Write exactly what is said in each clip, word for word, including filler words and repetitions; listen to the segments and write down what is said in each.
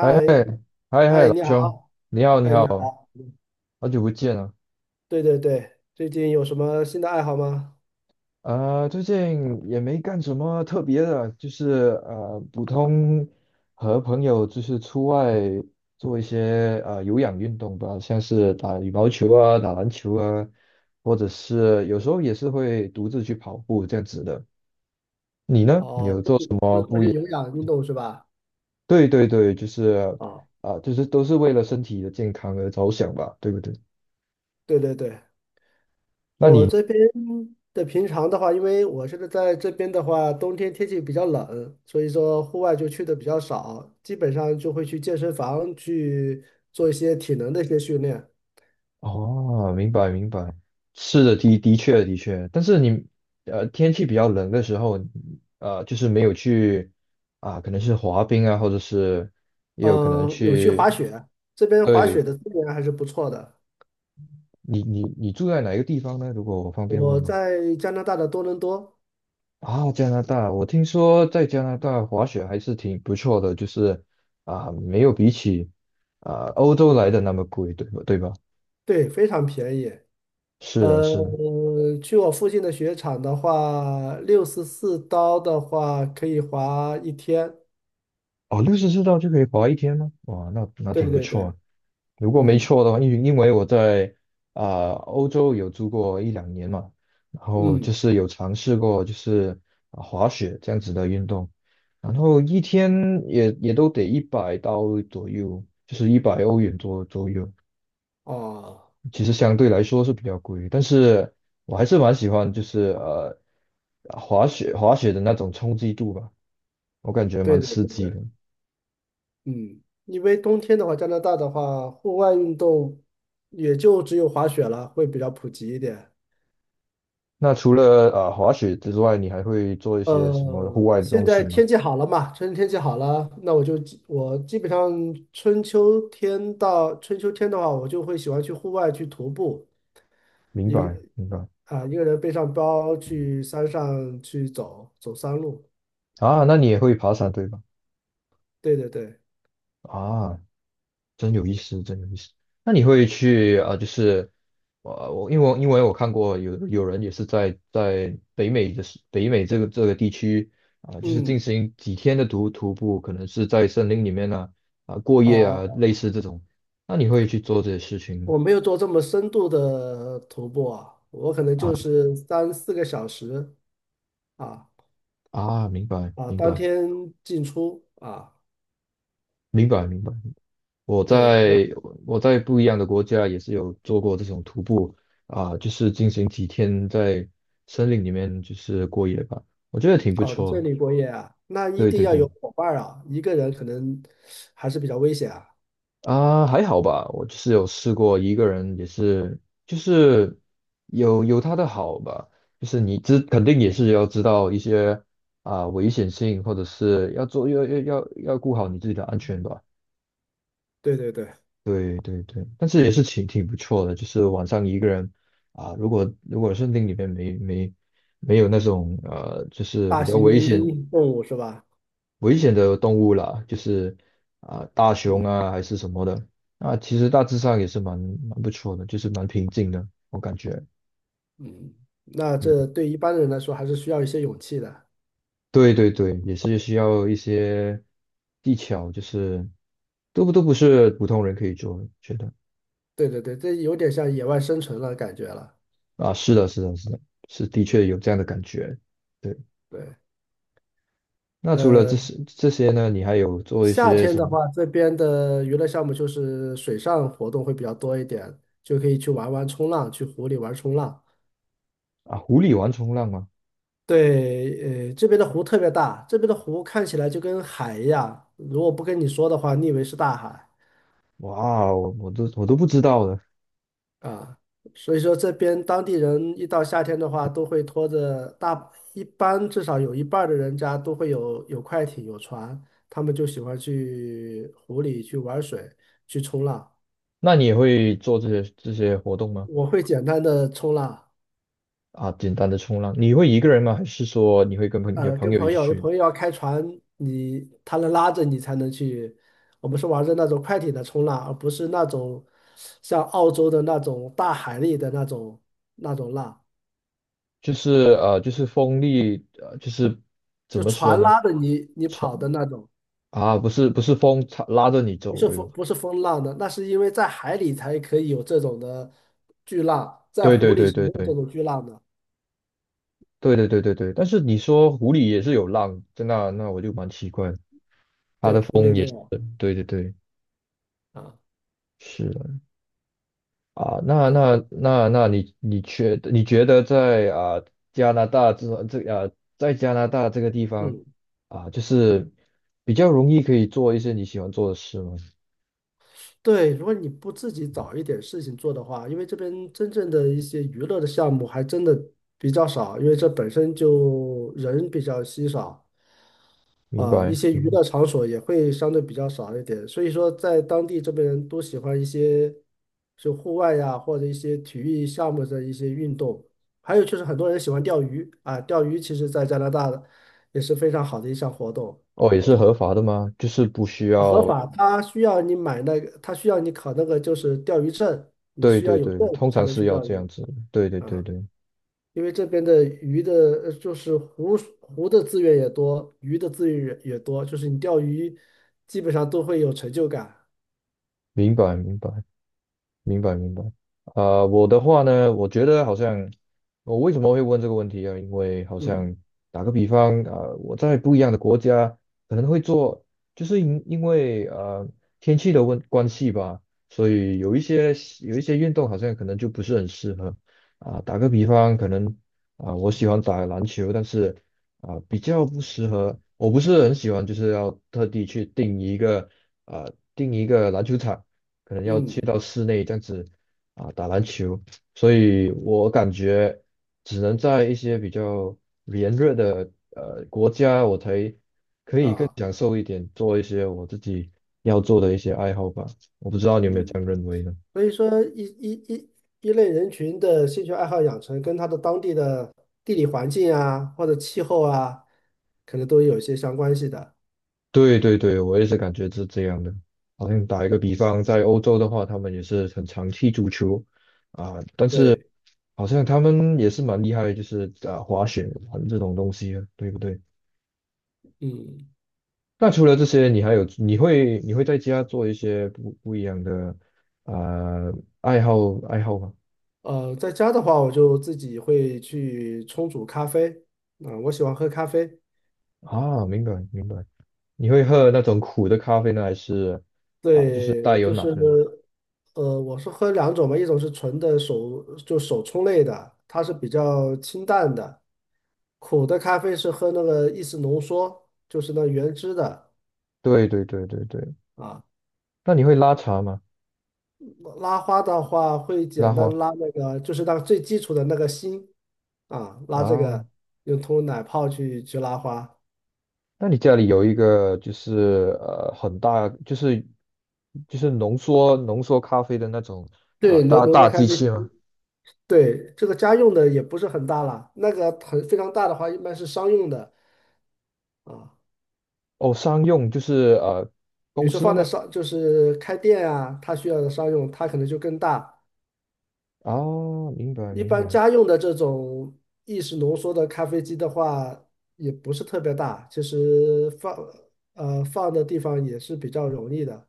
哎嘿，哎，你好，兄，你好，你哎，好，你好，好久不见了。对对对，最近有什么新的爱好吗？呃，最近也没干什么特别的，就是呃，普通和朋友就是出外做一些呃有氧运动吧，像是打羽毛球啊、打篮球啊，或者是有时候也是会独自去跑步这样子的。你呢？你哦，有都做什是都么是做不一些样？有氧运动是吧？对对对，就是哦，啊、呃就是都是为了身体的健康而着想吧，对不对？对对对，那我你？这边的平常的话，因为我现在在这边的话，冬天天气比较冷，所以说户外就去的比较少，基本上就会去健身房去做一些体能的一些训练。哦，明白明白，是的，的的确的确，但是你呃天气比较冷的时候，呃就是没有去啊，可能是滑冰啊，或者是也有可能嗯，有去去，滑雪，这边滑雪对。的资源还是不错的。你你你住在哪一个地方呢？如果我方便问我呢？在加拿大的多伦多，啊，加拿大，我听说在加拿大滑雪还是挺不错的，就是啊没有比起啊欧洲来的那么贵，对吧？对吧？对，非常便宜。是的，呃，是的，去我附近的雪场的话，六十四刀的话可以滑一天。哦，六十四道就可以滑一天吗？哇，那那对挺不对错对，啊。如果没嗯错的话，因为因为我在啊、欧洲有住过一两年嘛，然后就嗯，是有尝试过就是啊滑雪这样子的运动，然后一天也也都得一百刀左右，就是一百欧元左左右，哦，其实相对来说是比较贵，但是我还是蛮喜欢就是呃滑雪滑雪的那种冲击度吧，我感觉对蛮对刺对激对，的。嗯，因为冬天的话，加拿大的话，户外运动也就只有滑雪了，会比较普及一点。那除了啊滑雪之外，你还会做一些什么呃，户外的现东西在吗？天气好了嘛，春天气好了，那我就基我基本上春秋天到春秋天的话，我就会喜欢去户外去徒步。明白明白啊，一个人背上包去山上去走走山路。啊，那你也会爬山对吧？对对对，啊，真有意思，真有意思。那你会去啊、呃就是我我因为我因为我看过有有人也是在在北美的是北美这个这个地区啊、就是嗯，进行几天的徒徒步，可能是在森林里面呢啊、过夜啊，哦，类似这种。那你会去做这些事情吗？我没有做这么深度的徒步啊，我可能啊就是三四个小时啊啊，明白啊，明当白天进出啊。明白明白。我对，我在我在不一样的国家也是有做过这种徒步啊，就是进行几天在森林里面就是过夜吧，我觉得挺不哦，在错这的。里过夜啊，那一对定对要有对，伙伴儿啊，一个人可能还是比较危险啊。啊，还好吧，我就是有试过一个人，也是就是有有他的好吧，就是你知肯定也是要知道一些啊危险性，或者是要做要要要要顾好你自己的安全吧。对对对，对对对，但是也是挺挺不错的，就是晚上一个人啊，如果如果森林里面没没没有那种呃，就是大比较型危险动物是吧？危险的动物啦，就是啊大熊嗯啊还是什么的，那其实大致上也是蛮蛮不错的，就是蛮平静的，我感觉。嗯，那这对一般人来说还是需要一些勇气的。对对对，也是需要一些技巧，就是都不都不是普通人可以做的，觉得对对对，这有点像野外生存了感觉了。啊，是的，是的，是的，是的确有这样的感觉。对。对，那除了呃，这些这些呢，你还有做一夏些天什的么话，这边的娱乐项目就是水上活动会比较多一点，就可以去玩玩冲浪，去湖里玩冲浪。啊？湖里玩冲浪吗？对，呃，这边的湖特别大，这边的湖看起来就跟海一样，如果不跟你说的话，你以为是大海。哇我我都我都不知道的。啊，所以说这边当地人一到夏天的话，都会拖着大，一般至少有一半儿的人家都会有有快艇、有船，他们就喜欢去湖里去玩水、去冲浪。那你也会做这些这些活动吗？我会简单的冲浪，啊，简单的冲浪，你会一个人吗？还是说你会跟朋你的呃，朋跟友一朋起友，有去？朋友要开船，你他能拉着你才能去。我们是玩的那种快艇的冲浪，而不是那种像澳洲的那种大海里的那种那种浪，就是呃，就是风力，呃，就是怎就么说船呢？拉着你你跑的冲那种。啊，不是不是风插拉着你不走，是对吧？风，不是风浪的，那是因为在海里才可以有这种的巨浪，在对湖对里对是对没有对这种巨浪的。对对对对对。但是你说湖里也是有浪，那那我就蛮奇怪的。对，湖里没有对对对，啊。是的。啊，那对，那那那你你觉你觉得在啊加拿大这这啊在加拿大这个地方嗯啊，就是比较容易可以做一些你喜欢做的事吗？对，如果你不自己找一点事情做的话，因为这边真正的一些娱乐的项目还真的比较少，因为这本身就人比较稀少。明啊，一白，些娱嗯，乐场所也会相对比较少一点，所以说在当地这边人都喜欢一些就户外呀，或者一些体育项目的一些运动，还有就是很多人喜欢钓鱼啊，钓鱼其实在加拿大的也是非常好的一项活动，哦，也是合法的吗？就是不需啊合要，法，它需要你买那个，它需要你考那个就是钓鱼证，你对需要对有对，证通才常能是去要钓这样鱼子，对对对啊。对，因为这边的鱼的，呃就是湖湖的资源也多，鱼的资源也也多，就是你钓鱼基本上都会有成就感。明白明白。明白明白。啊、我的话呢，我觉得好像我为什么会问这个问题啊？因为好嗯像打个比方，啊，呃我在不一样的国家可能会做，就是因因为呃天气的问关系吧，所以有一些有一些运动好像可能就不是很适合啊、打个比方，可能啊、我喜欢打篮球，但是啊、比较不适合，我不是很喜欢，就是要特地去定一个啊、定一个篮球场。可能要去嗯到室内这样子啊打篮球，所以我感觉只能在一些比较炎热的呃国家，我才可以更啊享受一点，做一些我自己要做的一些爱好吧。我不知道你有没有这样认嗯，为呢？所以说一一一一类人群的兴趣爱好养成，跟他的当地的地理环境啊，或者气候啊，可能都有一些相关系的。对对对，我也是感觉是这样的。好像打一个比方，在欧洲的话，他们也是很常踢足球啊，对，好像他们也是蛮厉害，就是啊滑雪玩这种东西啊，对不对？嗯那除了这些，你还有你会你会在家做一些不不一样的呃爱好爱好吗？呃，在家的话，我就自己会去冲煮咖啡啊，我喜欢喝咖啡。啊，明白明白。你会喝那种苦的咖啡呢，还是啊就是带对，有就奶是的呢呃，我是喝两种嘛，一种是纯的手就手冲类的，它是比较清淡的，苦的咖啡是喝那个意式浓缩，就是那原汁的对对对对对。啊。那你会拉茶吗？拉花的话会拉简单花拉那个，就是那个最基础的那个心啊，拉这啊？个用通奶泡去去拉花。那你家里有一个就是呃很大就是就是浓缩浓缩咖啡的那种啊对，浓大浓缩大咖机啡，器吗？对，这个家用的也不是很大了，那个很非常大的话一般是商用的啊。哦，商用就是呃比公如说司的放在吗？商，就是开店啊，它需要的商用，它可能就更大。啊，明白一明般白。家用的这种意式浓缩的咖啡机的话，也不是特别大，其实放呃放的地方也是比较容易的。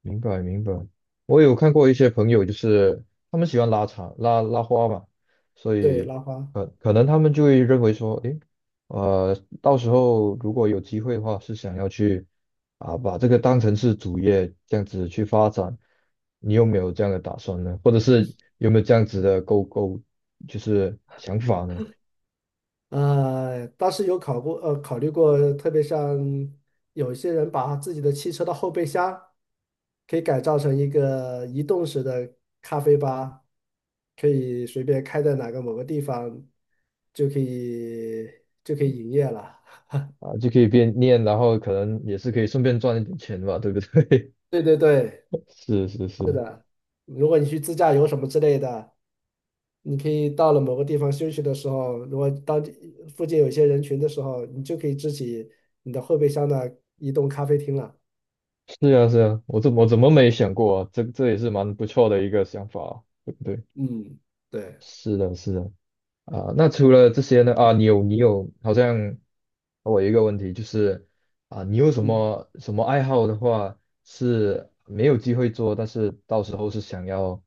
明白明白，我有看过一些朋友，就是他们喜欢拉长拉拉花嘛，所对，以拉花。可可能他们就会认为说，诶，呃，到时候如果有机会的话，是想要去啊把这个当成是主业这样子去发展，你有没有这样的打算呢？或者是有没有这样子的勾勾就是想法呢？呃，当时有考过，呃，考虑过，特别像有些人把自己的汽车的后备箱可以改造成一个移动式的咖啡吧，可以随便开在哪个某个地方，就可以就可以营业了。啊，就可以边念，然后可能也是可以顺便赚一点钱吧，对不对？对对对，是是是，如果你去自驾游什么之类的，你可以到了某个地方休息的时候，如果当地附近有一些人群的时候，你就可以支起你的后备箱的移动咖啡厅了。是啊是啊，我怎么我怎么没想过啊？这这也是蛮不错的一个想法啊对不对？嗯，对。是的，是的啊。那除了这些呢？啊，你有你有，好像我有一个问题就是啊，你有什嗯，么什么爱好的话是没有机会做，但是到时候是想要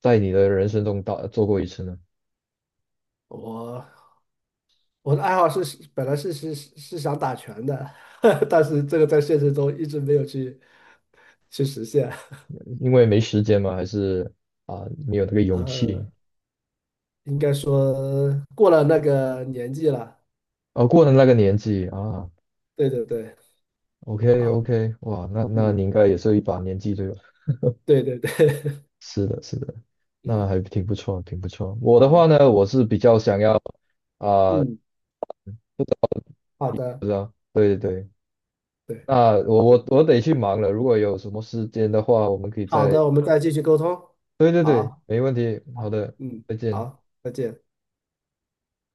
在你的人生中到做过一次呢？我我的爱好是本来是是是想打拳的，但是这个在现实中一直没有去去实现。因为没时间吗？还是啊没有那个勇呃，气？应该说过了那个年纪了。啊，过了那个年纪啊对对对，，OK 好，OK，哇，那那你嗯，应该也是一把年纪对吧？对对对，是的，是的，嗯，那还挺不错，挺不错。我的话好，呢，我是比较想要啊、嗯，好不的，知道，对对对，对，那我我我得去忙了。如果有什么时间的话，我们可以好再，的，我们再继续沟通。对对对，好，没问题。好好，的，嗯，再见。好，再见。